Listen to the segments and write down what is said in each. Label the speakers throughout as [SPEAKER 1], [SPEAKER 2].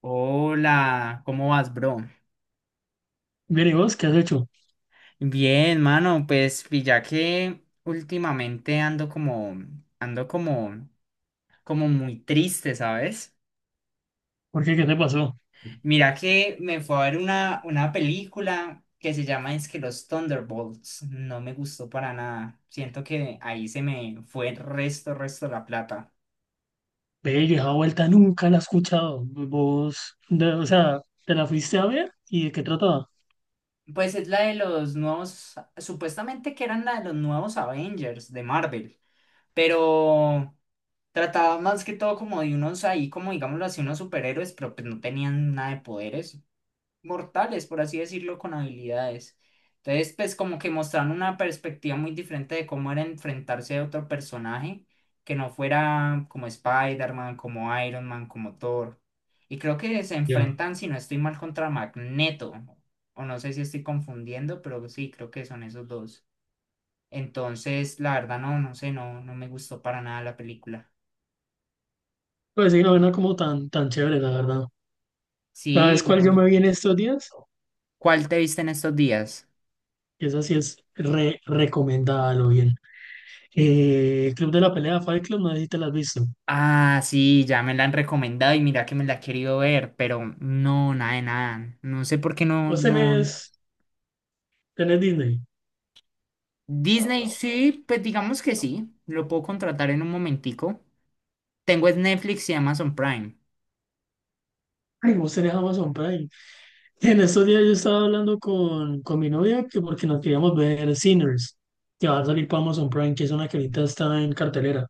[SPEAKER 1] Hola, ¿cómo vas, bro?
[SPEAKER 2] Bien, ¿y vos qué has hecho?
[SPEAKER 1] Bien, mano, pues pilla que últimamente ando como, como muy triste, ¿sabes?
[SPEAKER 2] ¿Por qué? ¿Qué te pasó?
[SPEAKER 1] Mira que me fue a ver una película que se llama es que Los Thunderbolts. No me gustó para nada. Siento que ahí se me fue el resto de la plata.
[SPEAKER 2] ¡Bello! Esa vuelta nunca la he escuchado. Vos, o sea, ¿te la fuiste a ver? ¿Y de qué trataba?
[SPEAKER 1] Pues es la de los nuevos, supuestamente que eran la de los nuevos Avengers de Marvel, pero trataba más que todo como de unos ahí, como digámoslo así, unos superhéroes, pero pues no tenían nada de poderes mortales, por así decirlo, con habilidades. Entonces, pues como que mostraron una perspectiva muy diferente de cómo era enfrentarse a otro personaje que no fuera como Spider-Man, como Iron Man, como Thor. Y creo que se
[SPEAKER 2] Ya.
[SPEAKER 1] enfrentan, si no estoy mal, contra Magneto. O no sé si estoy confundiendo, pero sí, creo que son esos dos. Entonces, la verdad, no, no sé, no, no me gustó para nada la película.
[SPEAKER 2] Pues sí, no era como tan, tan chévere, la verdad.
[SPEAKER 1] Sí,
[SPEAKER 2] ¿Sabes cuál yo
[SPEAKER 1] no.
[SPEAKER 2] me vi en estos días?
[SPEAKER 1] ¿Cuál te viste en estos días?
[SPEAKER 2] Que esa sí es re recomendada, lo bien. Club de la Pelea, Fight Club, no sé si te la has visto.
[SPEAKER 1] Ah, sí, ya me la han recomendado y mira que me la he querido ver, pero no, nada de nada. No sé por qué no,
[SPEAKER 2] Vos
[SPEAKER 1] no.
[SPEAKER 2] tenés, tenés Disney.
[SPEAKER 1] Disney sí, pues digamos que sí, lo puedo contratar en un momentico. Tengo es Netflix y Amazon Prime.
[SPEAKER 2] Ay, vos tenés Amazon Prime. En estos días yo estaba hablando con mi novia que porque nos queríamos ver Sinners, que va a salir para Amazon Prime, que es una que ahorita está en cartelera.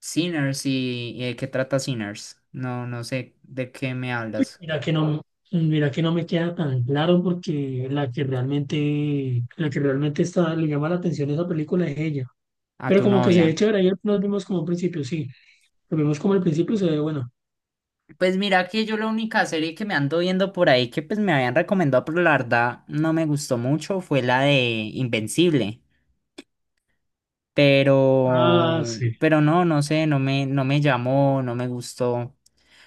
[SPEAKER 1] Sinners y ¿de qué trata Sinners? No, no sé de qué me hablas.
[SPEAKER 2] Mira que no, mira que no me queda tan claro porque la que realmente está, le llama la atención a esa película es ella.
[SPEAKER 1] A
[SPEAKER 2] Pero
[SPEAKER 1] tu
[SPEAKER 2] como que se
[SPEAKER 1] novia.
[SPEAKER 2] ve chévere, ayer nos vimos como al principio, sí. Nos vimos como al principio y se ve bueno.
[SPEAKER 1] Pues mira que yo la única serie que me ando viendo por ahí que pues me habían recomendado, pero la verdad no me gustó mucho, fue la de Invencible. Pero,
[SPEAKER 2] Ah, sí.
[SPEAKER 1] pero no, no sé, no me llamó, no me gustó.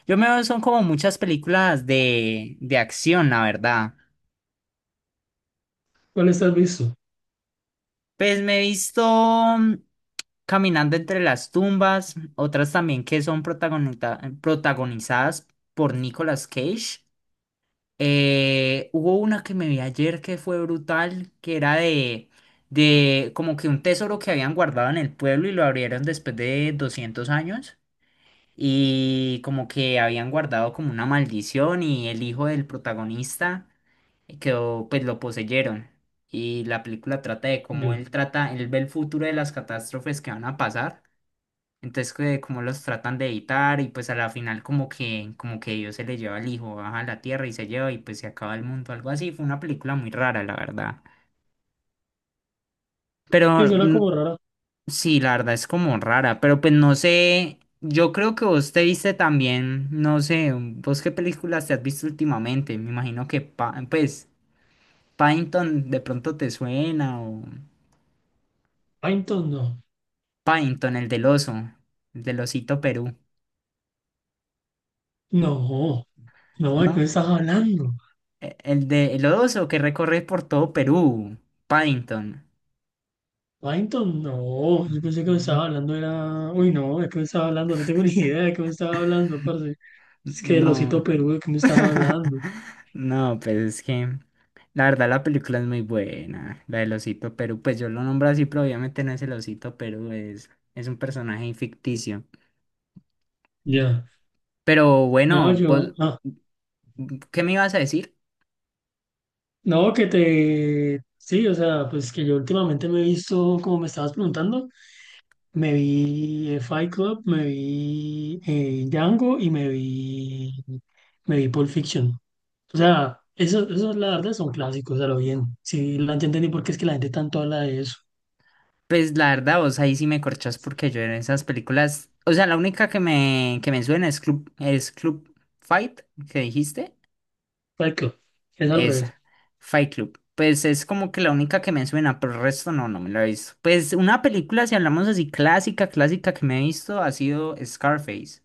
[SPEAKER 1] Yo me veo, son como muchas películas de acción, la verdad.
[SPEAKER 2] ¿Cuál estás visto?
[SPEAKER 1] Pues me he visto mm, Caminando entre las tumbas, otras también que son protagonizadas por Nicolas Cage. Hubo una que me vi ayer que fue brutal, que era de como que un tesoro que habían guardado en el pueblo y lo abrieron después de 200 años y como que habían guardado como una maldición y el hijo del protagonista quedó, pues lo poseyeron. Y la película trata de cómo
[SPEAKER 2] Ya.
[SPEAKER 1] él trata, él ve el futuro de las catástrofes que van a pasar, entonces, que como los tratan de evitar y pues a la final como que Dios se le lleva al hijo, baja a la tierra y se lleva y pues se acaba el mundo, algo así. Fue una película muy rara, la verdad.
[SPEAKER 2] Y
[SPEAKER 1] Pero
[SPEAKER 2] suena como rara.
[SPEAKER 1] sí, la verdad es como rara, pero pues no sé, yo creo que vos te viste también, no sé, vos qué películas te has visto últimamente. Me imagino que pues Paddington de pronto te suena o
[SPEAKER 2] Python, no.
[SPEAKER 1] Paddington, el del oso, el del osito Perú,
[SPEAKER 2] No, no, ¿de qué
[SPEAKER 1] ¿no?
[SPEAKER 2] estás hablando?
[SPEAKER 1] El de el oso que recorre por todo Perú, Paddington.
[SPEAKER 2] Paddington, no, yo pensé que me estaba
[SPEAKER 1] Mm,
[SPEAKER 2] hablando, era. Uy, no, ¿de qué me estaba hablando? No tengo ni idea de qué me estaba hablando, parce. Es que el
[SPEAKER 1] No.
[SPEAKER 2] osito Perú, ¿de qué me estaba hablando?
[SPEAKER 1] No, pues es que la verdad la película es muy buena, la del Osito Perú, pues yo lo nombro así, pero obviamente no es el Osito Perú, es un personaje ficticio.
[SPEAKER 2] Ya.
[SPEAKER 1] Pero
[SPEAKER 2] No,
[SPEAKER 1] bueno,
[SPEAKER 2] yo.
[SPEAKER 1] vos,
[SPEAKER 2] Ah,
[SPEAKER 1] ¿qué me ibas a decir?
[SPEAKER 2] no, que te. Sí, o sea, pues que yo últimamente me he visto, como me estabas preguntando, me vi Fight Club, me vi Django y me vi. Me vi Pulp Fiction. O sea, eso la verdad son clásicos, a lo bien. Sí, la entendí porque es que la gente tanto habla de eso.
[SPEAKER 1] Pues la verdad vos ahí sí me corchás porque yo en esas películas, o sea, la única que me suena es Club Fight, que dijiste.
[SPEAKER 2] Exacto, es al revés.
[SPEAKER 1] Esa, Fight Club. Pues es como que la única que me suena, pero el resto no, no me la he visto. Pues una película, si hablamos así, clásica que me he visto, ha sido Scarface.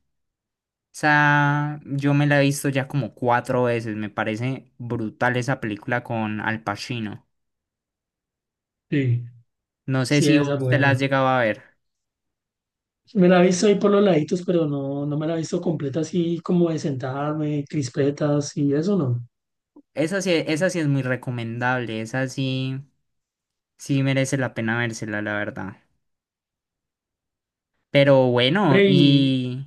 [SPEAKER 1] Esa, yo me la he visto ya como 4 veces. Me parece brutal esa película con Al Pacino.
[SPEAKER 2] Sí,
[SPEAKER 1] No sé
[SPEAKER 2] sí,
[SPEAKER 1] si
[SPEAKER 2] esa es
[SPEAKER 1] vos te la has
[SPEAKER 2] buena.
[SPEAKER 1] llegado a ver.
[SPEAKER 2] Me la he visto ahí por los laditos, pero no, no me la he visto completa así como de sentarme, crispetas y eso no.
[SPEAKER 1] Esa sí es muy recomendable. Esa sí, sí merece la pena vérsela, la verdad. Pero bueno,
[SPEAKER 2] Ve y
[SPEAKER 1] y...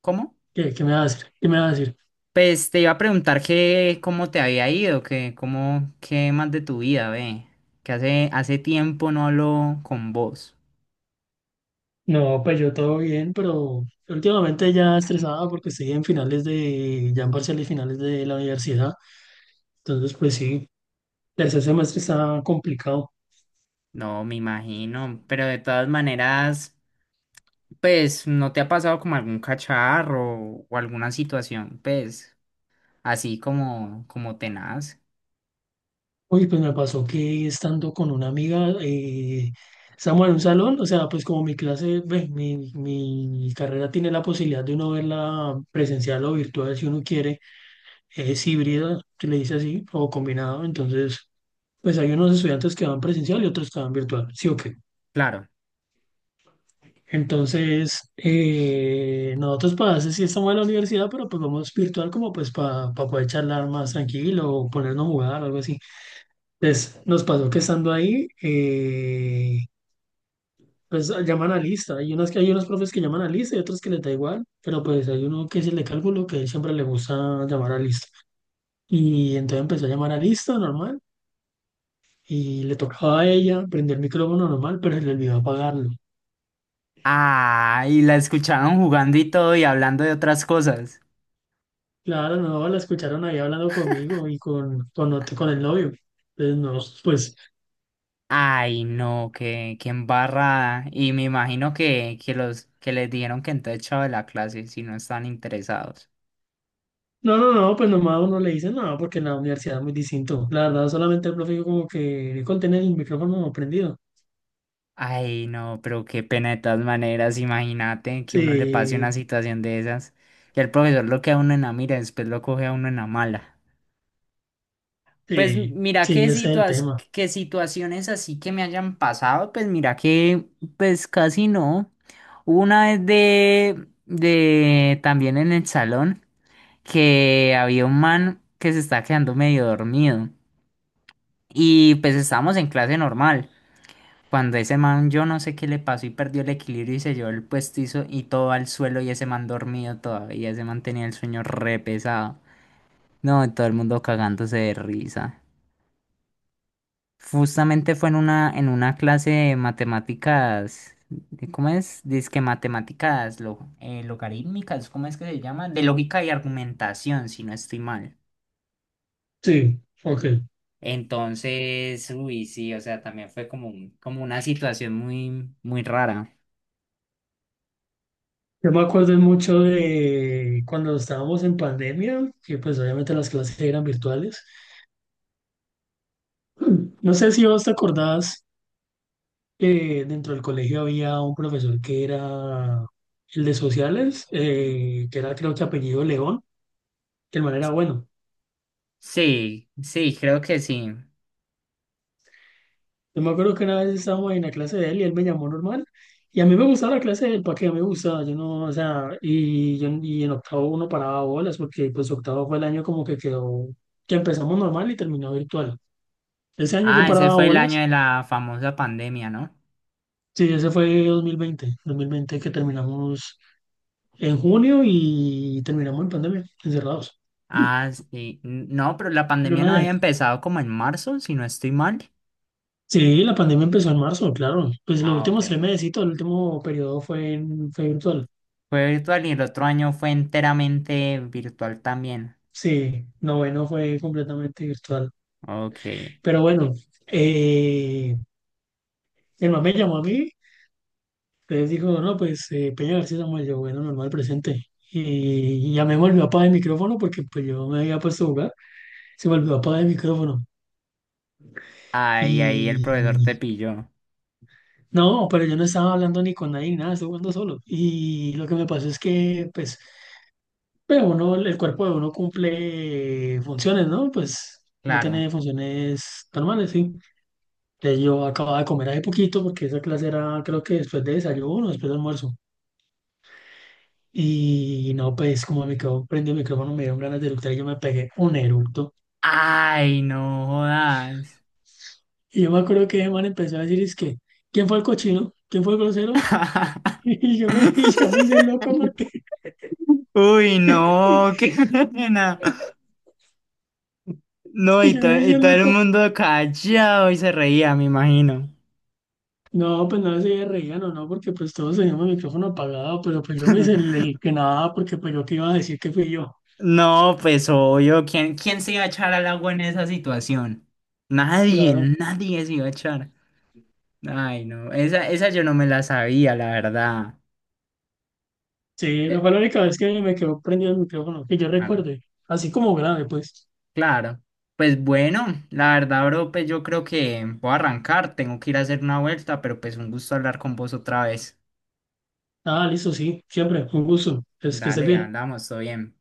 [SPEAKER 1] ¿Cómo?
[SPEAKER 2] ¿qué, qué me va a decir? ¿Qué me va a decir?
[SPEAKER 1] Pues te iba a preguntar que cómo te había ido, que cómo, qué más de tu vida, ve. Que hace tiempo no hablo con vos.
[SPEAKER 2] No, pues yo todo bien, pero últimamente ya estresada porque estoy en finales de, ya en parciales finales de la universidad. Entonces, pues sí, tercer semestre está complicado.
[SPEAKER 1] No, me imagino. Pero de todas maneras, pues, ¿no te ha pasado como algún cacharro o alguna situación, pues, así como, como tenaz?
[SPEAKER 2] Uy, pues me pasó que estando con una amiga, estamos en un salón, o sea, pues como mi clase, ve, mi carrera tiene la posibilidad de uno verla presencial o virtual si uno quiere, es híbrida, se le dice así, o combinado, entonces, pues hay unos estudiantes que van presencial y otros que van virtual, sí o qué.
[SPEAKER 1] Claro.
[SPEAKER 2] Entonces, nosotros para eso sí estamos en la universidad, pero pues vamos virtual como pues para poder charlar más tranquilo o ponernos a jugar, algo así. Entonces, nos pasó que estando ahí, pues llaman a lista. Hay unas que hay unos profes que llaman a lista y otros que les da igual, pero pues hay uno que es el de cálculo que él siempre le gusta llamar a lista. Y entonces empezó a llamar a lista normal y le tocaba a ella prender el micrófono normal, pero se le olvidó apagarlo.
[SPEAKER 1] Ah, y la escucharon jugando y todo y hablando de otras cosas.
[SPEAKER 2] Claro, no, la escucharon ahí hablando conmigo y con el novio. Entonces, no, pues,
[SPEAKER 1] Ay, no, qué embarrada. Y me imagino que los que les dijeron que entonces echado de la clase si no están interesados.
[SPEAKER 2] no, no, no, pues nomás uno le dice, no, porque en la universidad es muy distinto. La verdad, solamente el profe dijo como que con tener el micrófono prendido.
[SPEAKER 1] Ay, no, pero qué pena de todas maneras, imagínate que uno le pase una
[SPEAKER 2] Sí,
[SPEAKER 1] situación de esas. Y el profesor lo que a uno en la mira, después lo coge a uno en la mala. Pues
[SPEAKER 2] sí,
[SPEAKER 1] mira
[SPEAKER 2] sí,
[SPEAKER 1] qué
[SPEAKER 2] ese es el tema.
[SPEAKER 1] qué situaciones así que me hayan pasado, pues mira que pues casi no. Hubo una vez de también en el salón, que había un man que se estaba quedando medio dormido. Y pues estábamos en clase normal. Cuando ese man, yo no sé qué le pasó y perdió el equilibrio y se llevó el puestizo y todo al suelo y ese man dormido todavía. Ese man tenía el sueño re pesado. No, todo el mundo cagándose de risa. Justamente fue en una clase de matemáticas. ¿Cómo es? Dizque matemáticas lo, logarítmicas, ¿cómo es que se llama? De lógica y argumentación, si no estoy mal.
[SPEAKER 2] Sí, ok.
[SPEAKER 1] Entonces, uy, sí, o sea, también fue como, como una situación muy, muy rara.
[SPEAKER 2] Yo me acuerdo mucho de cuando estábamos en pandemia, que pues obviamente las clases eran virtuales. No sé si vos te acordás que dentro del colegio había un profesor que era el de sociales, que era creo que apellido León, que el man era bueno.
[SPEAKER 1] Sí, sí, creo que sí.
[SPEAKER 2] Yo me acuerdo que una vez estábamos en la clase de él y él me llamó normal. Y a mí me gustaba la clase de él, ¿para qué a mí me gustaba? Yo no, o sea, y, yo, y en octavo uno paraba bolas, porque pues octavo fue el año como que quedó, que empezamos normal y terminó virtual. Ese año yo
[SPEAKER 1] Ah, ese
[SPEAKER 2] paraba
[SPEAKER 1] fue el año
[SPEAKER 2] bolas,
[SPEAKER 1] de la famosa pandemia, ¿no?
[SPEAKER 2] sí, ese fue dos mil veinte que terminamos en junio y terminamos en pandemia, encerrados. Y-
[SPEAKER 1] Ah, sí. No, pero la
[SPEAKER 2] Pero
[SPEAKER 1] pandemia no
[SPEAKER 2] nada,
[SPEAKER 1] había empezado como en marzo, si no estoy mal.
[SPEAKER 2] sí, la pandemia empezó en marzo, claro. Pues los
[SPEAKER 1] Ah, ok.
[SPEAKER 2] últimos 3 meses, el último periodo fue virtual.
[SPEAKER 1] Fue virtual y el otro año fue enteramente virtual también.
[SPEAKER 2] Sí, noveno fue completamente virtual.
[SPEAKER 1] Ok.
[SPEAKER 2] Pero bueno, eh, el man me llamó a mí, entonces dijo, no, pues Peña García Samuel, yo, bueno, normal, presente. Y ya me volvió a apagar el micrófono porque pues yo me había puesto a jugar, se me olvidó apagar el micrófono.
[SPEAKER 1] Ay, ahí el profesor te
[SPEAKER 2] Y
[SPEAKER 1] pilló.
[SPEAKER 2] no, pero yo no estaba hablando ni con nadie, ni nada, estaba jugando solo. Y lo que me pasó es que, pues, pero uno, el cuerpo de uno cumple funciones, ¿no? Pues no
[SPEAKER 1] Claro.
[SPEAKER 2] tiene funciones normales, sí. Entonces yo acababa de comer hace poquito porque esa clase era creo que después de desayuno, después de almuerzo. Y no, pues como me quedó prendido el micrófono, me dieron ganas de eructar y yo me pegué un eructo.
[SPEAKER 1] Ay, no jodas.
[SPEAKER 2] Y yo me acuerdo que el man empezó a decir, es que, ¿quién fue el cochino? ¿Quién fue el grosero? Y yo me, y yo me hice loco porque,
[SPEAKER 1] Uy,
[SPEAKER 2] y
[SPEAKER 1] no, qué pena. No, y,
[SPEAKER 2] yo
[SPEAKER 1] to-
[SPEAKER 2] me
[SPEAKER 1] y
[SPEAKER 2] hice
[SPEAKER 1] todo el
[SPEAKER 2] loco.
[SPEAKER 1] mundo callado y se reía, me imagino.
[SPEAKER 2] No, pues no se reían o no, porque pues todos teníamos el micrófono apagado, pero pues yo me hice el que nada porque pues yo qué iba a decir que fui yo.
[SPEAKER 1] No, pues obvio, ¿ quién se iba a echar al agua en esa situación? Nadie,
[SPEAKER 2] Claro.
[SPEAKER 1] nadie se iba a echar. Ay, no, esa yo no me la sabía, la verdad.
[SPEAKER 2] Sí, no
[SPEAKER 1] Pero,
[SPEAKER 2] fue la única vez que me quedó prendido el micrófono, que yo
[SPEAKER 1] bueno,
[SPEAKER 2] recuerde, así como grave, pues.
[SPEAKER 1] claro. Pues bueno, la verdad, bro, pues yo creo que voy a arrancar, tengo que ir a hacer una vuelta, pero pues un gusto hablar con vos otra vez.
[SPEAKER 2] Ah, listo, sí, siempre, un gusto, es que estés
[SPEAKER 1] Dale,
[SPEAKER 2] bien.
[SPEAKER 1] hablamos, todo bien.